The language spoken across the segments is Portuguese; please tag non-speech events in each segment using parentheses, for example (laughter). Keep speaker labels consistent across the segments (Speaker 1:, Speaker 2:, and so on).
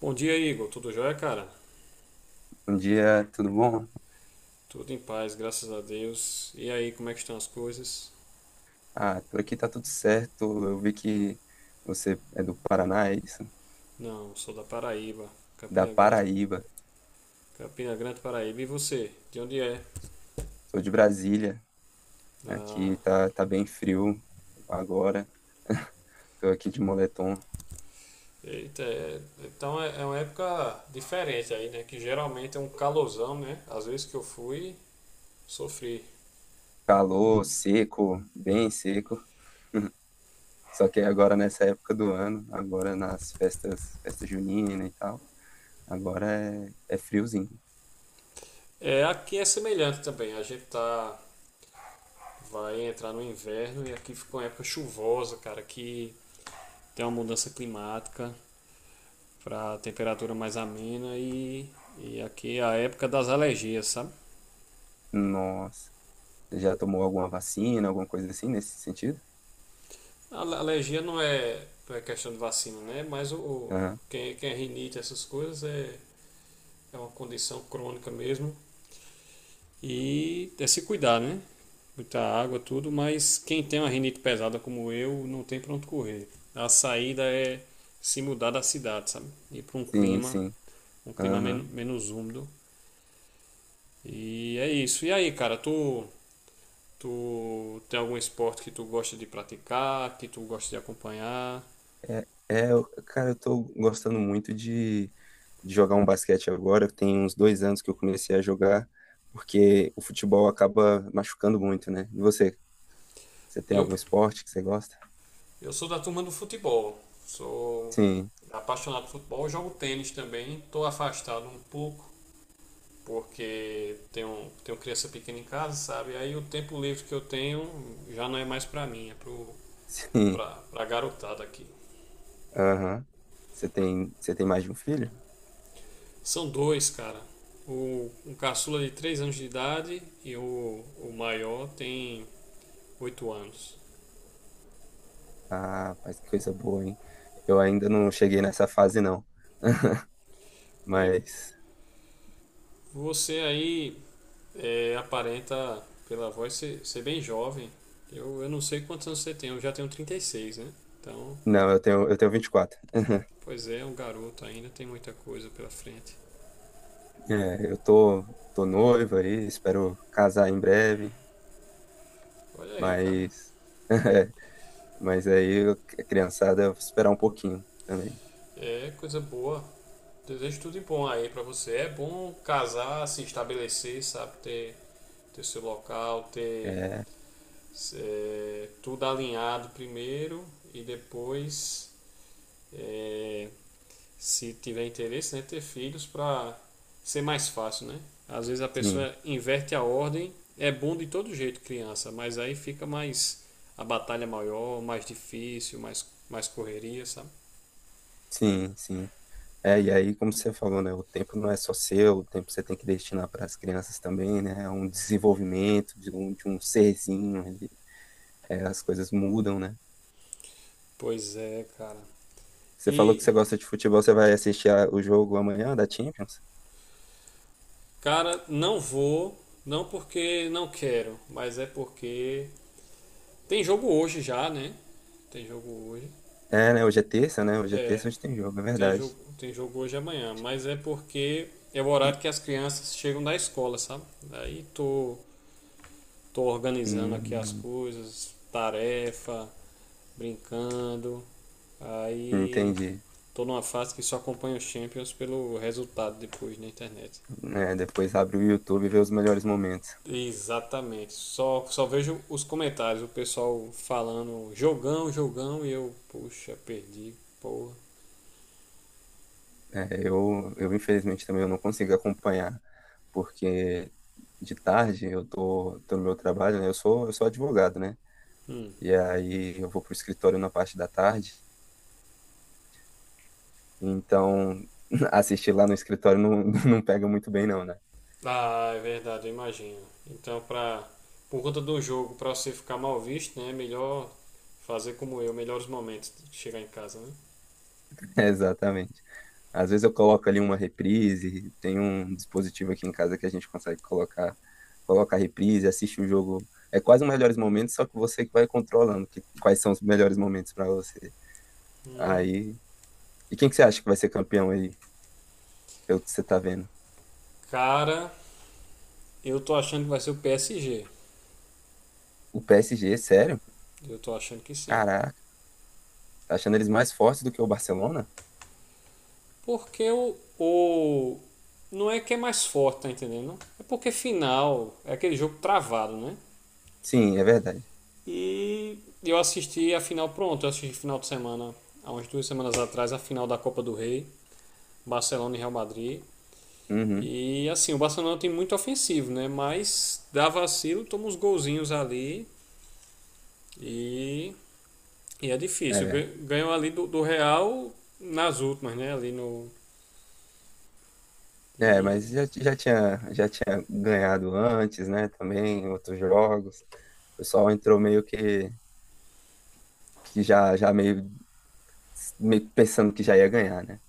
Speaker 1: Bom dia, Igor. Tudo jóia, cara?
Speaker 2: Bom dia, tudo bom?
Speaker 1: Tudo em paz, graças a Deus. E aí, como é que estão as coisas?
Speaker 2: Ah, por aqui tá tudo certo. Eu vi que você é do Paraná, é isso?
Speaker 1: Não, sou da Paraíba,
Speaker 2: Da
Speaker 1: Campina Grande,
Speaker 2: Paraíba.
Speaker 1: Campina Grande, Paraíba. E você? De onde é?
Speaker 2: Sou de Brasília. Aqui
Speaker 1: Ah,
Speaker 2: tá bem frio agora. Tô aqui de moletom.
Speaker 1: eita, então é uma época diferente aí, né? Que geralmente é um calorzão, né? Às vezes que eu fui, sofri.
Speaker 2: Calor, seco, bem seco. Só que agora nessa época do ano, agora nas festas, festa junina e tal, agora é friozinho.
Speaker 1: É, aqui é semelhante também. A gente vai entrar no inverno e aqui ficou uma época chuvosa, cara, que tem uma mudança climática para temperatura mais amena e aqui a época das alergias, sabe?
Speaker 2: Nossa. Você já tomou alguma vacina, alguma coisa assim nesse sentido?
Speaker 1: A alergia não é questão de vacina, né? Mas
Speaker 2: Aham.
Speaker 1: quem é rinite, essas coisas, é uma condição crônica mesmo. E é se cuidar, né? Muita água, tudo, mas quem tem uma rinite pesada como eu, não tem pra onde correr. A saída é se mudar da cidade, sabe? Ir para um
Speaker 2: Sim,
Speaker 1: clima,
Speaker 2: sim. Aham.
Speaker 1: menos úmido. E é isso. E aí, cara, tu tem algum esporte que tu gosta de praticar, que tu gosta de acompanhar?
Speaker 2: Cara, eu tô gostando muito de jogar um basquete agora. Tem uns dois anos que eu comecei a jogar, porque o futebol acaba machucando muito, né? E você tem
Speaker 1: Eu,
Speaker 2: algum esporte que você gosta?
Speaker 1: eu sou da turma do futebol. Sou
Speaker 2: Sim,
Speaker 1: apaixonado por futebol, jogo tênis também. Estou afastado um pouco porque tenho criança pequena em casa, sabe? Aí o tempo livre que eu tenho já não é mais para mim, é pro,
Speaker 2: (laughs) sim.
Speaker 1: pra, pra garotada aqui.
Speaker 2: Aham. Você tem mais de um filho?
Speaker 1: São dois, cara. Um caçula de 3 anos de idade e o maior tem 8 anos.
Speaker 2: Ah, rapaz, que coisa boa, hein? Eu ainda não cheguei nessa fase, não. (laughs)
Speaker 1: É,
Speaker 2: Mas,
Speaker 1: você aí aparenta, pela voz, ser bem jovem. Eu não sei quantos anos você tem, eu já tenho 36, né? Então,
Speaker 2: não, eu tenho 24.
Speaker 1: pois é, é um garoto ainda, tem muita coisa pela frente.
Speaker 2: É, tô noivo aí, espero casar em breve,
Speaker 1: Olha aí, cara.
Speaker 2: mas (laughs) Mas aí a criançada eu vou esperar um pouquinho também.
Speaker 1: É coisa boa. Desejo tudo de bom aí pra você. É bom casar, se estabelecer, sabe? Ter seu local, ter
Speaker 2: É,
Speaker 1: tudo alinhado primeiro e depois é, se tiver interesse, né, ter filhos para ser mais fácil, né? Às vezes a
Speaker 2: sim,
Speaker 1: pessoa inverte a ordem, é bom de todo jeito criança, mas aí fica mais a batalha maior, mais difícil, mais correria, sabe?
Speaker 2: sim, sim. É, e aí, como você falou, né? O tempo não é só seu, o tempo você tem que destinar para as crianças também, né? É um desenvolvimento de um serzinho ali. É, as coisas mudam, né?
Speaker 1: Pois é, cara.
Speaker 2: Você falou que
Speaker 1: E
Speaker 2: você gosta de futebol, você vai assistir a- o jogo amanhã da Champions?
Speaker 1: cara, não vou, não porque não quero, mas é porque tem jogo hoje já, né? Tem jogo hoje.
Speaker 2: É, né? Hoje é terça, né? Hoje é
Speaker 1: É,
Speaker 2: terça, hoje tem jogo, é
Speaker 1: Tem jogo,
Speaker 2: verdade.
Speaker 1: tem jogo hoje e amanhã, mas é porque é o horário que as crianças chegam da escola, sabe? Aí tô organizando aqui as
Speaker 2: Hum,
Speaker 1: coisas, tarefa, brincando. Aí
Speaker 2: entendi.
Speaker 1: tô numa fase que só acompanho os Champions pelo resultado depois na internet.
Speaker 2: É, depois abre o YouTube e vê os melhores momentos.
Speaker 1: Exatamente. Só vejo os comentários, o pessoal falando jogão, jogão, e eu, puxa, perdi, porra.
Speaker 2: É, eu infelizmente também eu não consigo acompanhar, porque de tarde tô no meu trabalho, né? Eu sou advogado, né?
Speaker 1: Hum.
Speaker 2: E aí eu vou pro escritório na parte da tarde, então (laughs) assistir lá no escritório não, (laughs) não pega muito bem não, né?
Speaker 1: Ah, é verdade, eu imagino. Então, por conta do jogo, pra você ficar mal visto, né? É melhor fazer como eu, melhores momentos de chegar em casa, né?
Speaker 2: (laughs) Exatamente. Às vezes eu coloco ali uma reprise, tem um dispositivo aqui em casa que a gente consegue colocar, colocar reprise, assiste o jogo. É quase os melhores momentos, só que você que vai controlando que- quais são os melhores momentos para você.
Speaker 1: Hum.
Speaker 2: Aí e quem que você acha que vai ser campeão aí, pelo que você tá vendo?
Speaker 1: Cara, eu tô achando que vai ser o PSG.
Speaker 2: O PSG, sério?
Speaker 1: Eu tô achando que sim.
Speaker 2: Caraca, tá achando eles mais fortes do que o Barcelona?
Speaker 1: Porque o. Não é que é mais forte, tá entendendo? É porque final é aquele jogo travado, né?
Speaker 2: Sim, é verdade.
Speaker 1: E eu assisti a final, pronto, eu assisti final de semana, há umas 2 semanas atrás, a final da Copa do Rei, Barcelona e Real Madrid.
Speaker 2: Uhum,
Speaker 1: E assim, o Barcelona tem muito ofensivo, né? Mas dá vacilo, toma uns golzinhos ali e, e é difícil.
Speaker 2: é.
Speaker 1: Ganhou ali do Real nas últimas, né? Ali no.
Speaker 2: É, mas
Speaker 1: E,
Speaker 2: já tinha ganhado antes, né? Também, em outros jogos. O pessoal entrou meio que já, meio pensando que já ia ganhar, né?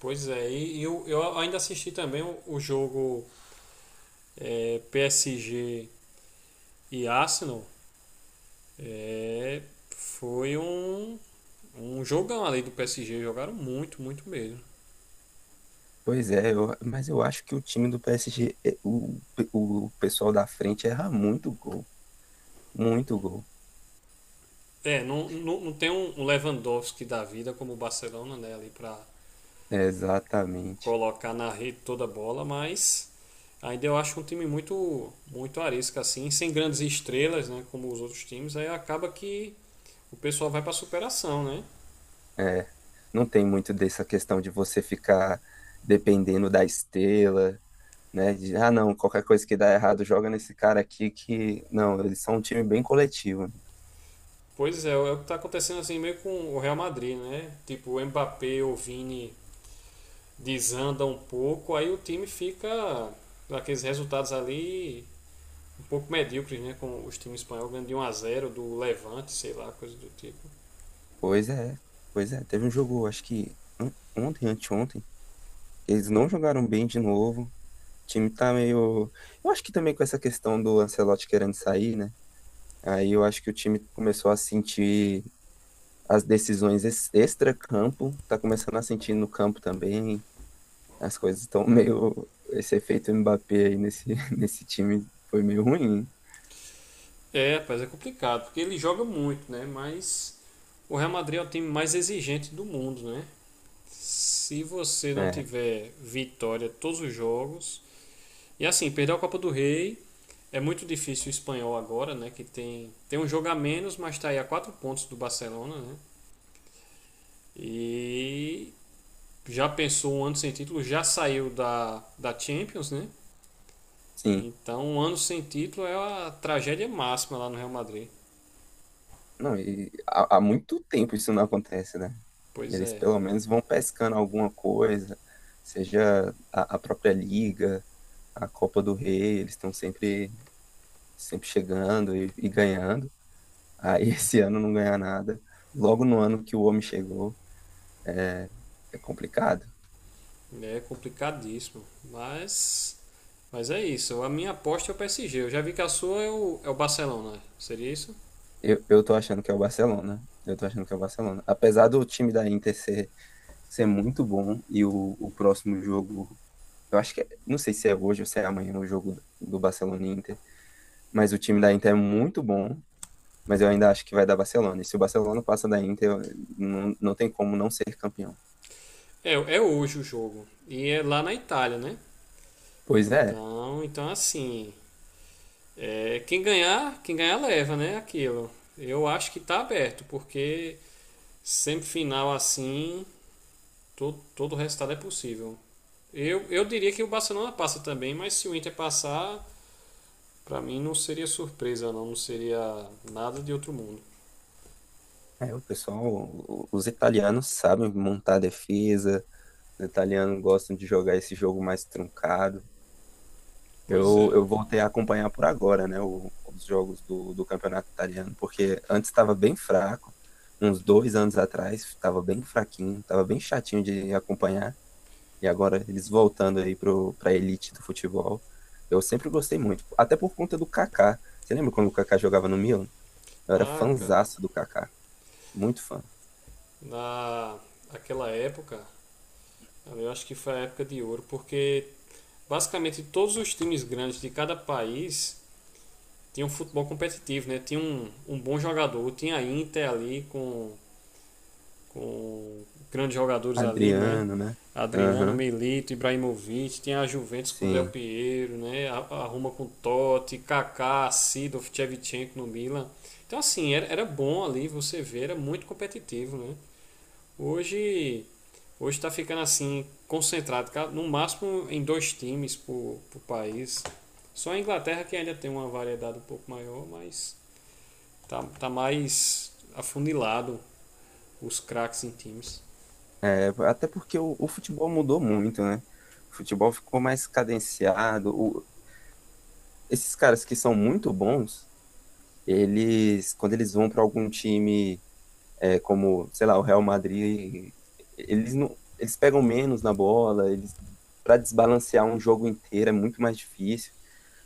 Speaker 1: pois é, e eu ainda assisti também o jogo PSG e Arsenal. É, foi um jogão ali do PSG, jogaram muito, muito mesmo.
Speaker 2: Pois é, eu- mas eu acho que o time do PSG, é- o pessoal da frente erra muito gol. Muito gol.
Speaker 1: É, não tem um Lewandowski da vida como o Barcelona, né? Ali pra
Speaker 2: Exatamente.
Speaker 1: colocar na rede toda a bola, mas ainda eu acho um time muito muito arisco assim, sem grandes estrelas, né, como os outros times, aí acaba que o pessoal vai para superação, né?
Speaker 2: É, não tem muito dessa questão de você ficar dependendo da estrela, né? De, ah, não, qualquer coisa que dá errado, joga nesse cara aqui que. Não, eles são um time bem coletivo, né?
Speaker 1: Pois é, é o que está acontecendo assim meio com o Real Madrid, né? Tipo, o Mbappé ou o Vini desanda um pouco, aí o time fica aqueles resultados ali um pouco medíocres, né? Com os times espanhóis ganhando de 1 a zero do Levante, sei lá, coisa do tipo.
Speaker 2: Pois é, pois é. Teve um jogo, acho que on- ontem, anteontem, que eles não jogaram bem de novo. O time tá meio. Eu acho que também com essa questão do Ancelotti querendo sair, né? Aí eu acho que o time começou a sentir as decisões ex- extra-campo, tá começando a sentir no campo também. As coisas estão meio. Esse efeito Mbappé aí nesse, (laughs) nesse time foi meio ruim,
Speaker 1: É, rapaz, é complicado, porque ele joga muito, né? Mas o Real Madrid é o time mais exigente do mundo, né? Se você não
Speaker 2: né?
Speaker 1: tiver vitória todos os jogos. E assim, perder a Copa do Rei é muito difícil o espanhol agora, né? Que tem um jogo a menos, mas está aí a 4 pontos do Barcelona, né? E já pensou um ano sem título, já saiu da Champions, né?
Speaker 2: Sim.
Speaker 1: Então um ano sem título é a tragédia máxima lá no Real Madrid.
Speaker 2: Não, e há muito tempo isso não acontece, né?
Speaker 1: Pois
Speaker 2: Eles
Speaker 1: é.
Speaker 2: pelo menos vão pescando alguma coisa, seja a própria Liga, a Copa do Rei, eles estão sempre, sempre chegando e ganhando. Aí (laughs) esse ano não ganhar nada. Logo no ano que o homem chegou, é, é complicado.
Speaker 1: É complicadíssimo. Mas é isso. A minha aposta é o PSG. Eu já vi que a sua é o Barcelona. Seria isso?
Speaker 2: Eu tô achando que é o Barcelona. Eu tô achando que é o Barcelona. Apesar do time da Inter ser isso é muito bom. E o próximo jogo, eu acho que, é- não sei se é hoje ou se é amanhã no jogo do Barcelona e Inter, mas o time da Inter é muito bom, mas eu ainda acho que vai dar Barcelona. E se o Barcelona passa da Inter, eu- não, não tem como não ser campeão.
Speaker 1: É, é hoje o jogo. E é lá na Itália, né?
Speaker 2: Pois é,
Speaker 1: Então assim. Quem ganhar, quem ganhar leva, né? Aquilo. Eu acho que tá aberto, porque semifinal assim, todo o resultado é possível. Eu diria que o Barcelona passa também, mas se o Inter passar, pra mim não seria surpresa, não seria nada de outro mundo.
Speaker 2: é, o pessoal, o- os italianos sabem montar defesa, os italianos gostam de jogar esse jogo mais truncado.
Speaker 1: Pois é.
Speaker 2: Eu voltei a acompanhar por agora, né, o- os jogos do campeonato italiano, porque antes estava bem fraco, uns dois anos atrás estava bem fraquinho, estava bem chatinho de acompanhar, e agora eles voltando aí para a elite do futebol. Eu sempre gostei muito, até por conta do Kaká. Você lembra quando o Kaká jogava no Milan? Eu era
Speaker 1: Ah, cara,
Speaker 2: fanzaço do Kaká, muito fã.
Speaker 1: na aquela época, eu acho que foi a época de ouro, porque basicamente todos os times grandes de cada país tinham um futebol competitivo, né? Tinha um bom jogador, tinha a Inter ali com grandes jogadores ali, né?
Speaker 2: Adriano, né?
Speaker 1: Adriano,
Speaker 2: Aham,
Speaker 1: Milito, Ibrahimovic, tinha a Juventus com Del
Speaker 2: sim.
Speaker 1: Piero, né? A Roma com Totti, Kaká, Sidorf, Shevchenko no Milan. Então assim, era bom ali, você vê, era muito competitivo, né? Hoje, hoje está ficando assim, concentrado, no máximo em dois times por país. Só a Inglaterra que ainda tem uma variedade um pouco maior, mas tá mais afunilado os craques em times.
Speaker 2: É, até porque o futebol mudou muito, né? O futebol ficou mais cadenciado. O, esses caras que são muito bons, eles, quando eles vão para algum time, é, como, sei lá, o Real Madrid, eles não, eles pegam menos na bola, eles para desbalancear um jogo inteiro é muito mais difícil.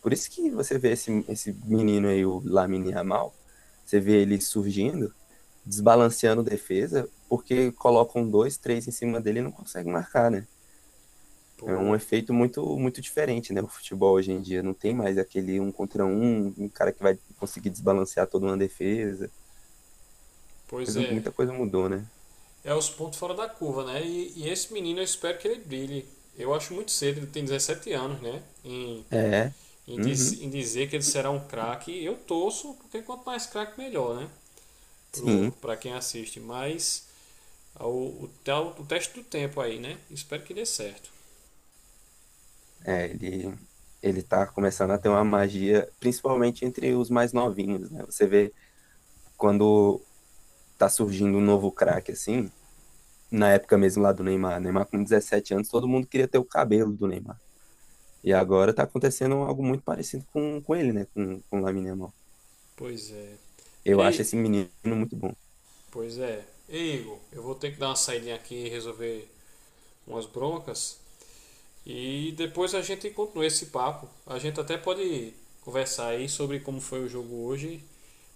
Speaker 2: Por isso que você vê esse menino aí, o Lamine Yamal, você vê ele surgindo, desbalanceando defesa, porque colocam dois, três em cima dele e não consegue marcar, né? É um
Speaker 1: Pô,
Speaker 2: efeito muito muito diferente, né? O futebol hoje em dia não tem mais aquele um contra um, um cara que vai conseguir desbalancear toda uma defesa.
Speaker 1: pois
Speaker 2: Coisa,
Speaker 1: é,
Speaker 2: muita coisa mudou, né?
Speaker 1: é os pontos fora da curva, né? E esse menino eu espero que ele brilhe. Eu acho muito cedo, ele tem 17 anos, né? Em,
Speaker 2: É.
Speaker 1: em, diz-
Speaker 2: Uhum.
Speaker 1: em dizer que ele será um craque, eu torço, porque quanto mais craque, melhor, né? para
Speaker 2: Sim.
Speaker 1: pra quem assiste, mas o teste do tempo aí, né? Espero que dê certo.
Speaker 2: É, ele tá começando a ter uma magia, principalmente entre os mais novinhos, né? Você vê quando tá surgindo um novo craque assim, na época mesmo lá do Neymar, Neymar com 17 anos, todo mundo queria ter o cabelo do Neymar. E agora tá acontecendo algo muito parecido com ele, né? Com o Lamine Yamal.
Speaker 1: Pois é.
Speaker 2: Eu acho
Speaker 1: Ei,
Speaker 2: esse menino muito bom.
Speaker 1: pois é. Ei, Igor, eu vou ter que dar uma saída aqui e resolver umas broncas. E depois a gente continua esse papo. A gente até pode conversar aí sobre como foi o jogo hoje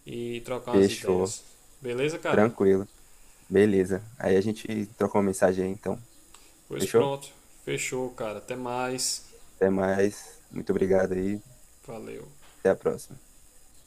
Speaker 1: e trocar umas
Speaker 2: Fechou.
Speaker 1: ideias. Beleza, cara?
Speaker 2: Tranquilo. Beleza. Aí a gente trocou uma mensagem aí, então.
Speaker 1: Pois
Speaker 2: Fechou?
Speaker 1: pronto. Fechou, cara. Até mais.
Speaker 2: Até mais. Muito obrigado aí.
Speaker 1: Valeu.
Speaker 2: Até a próxima.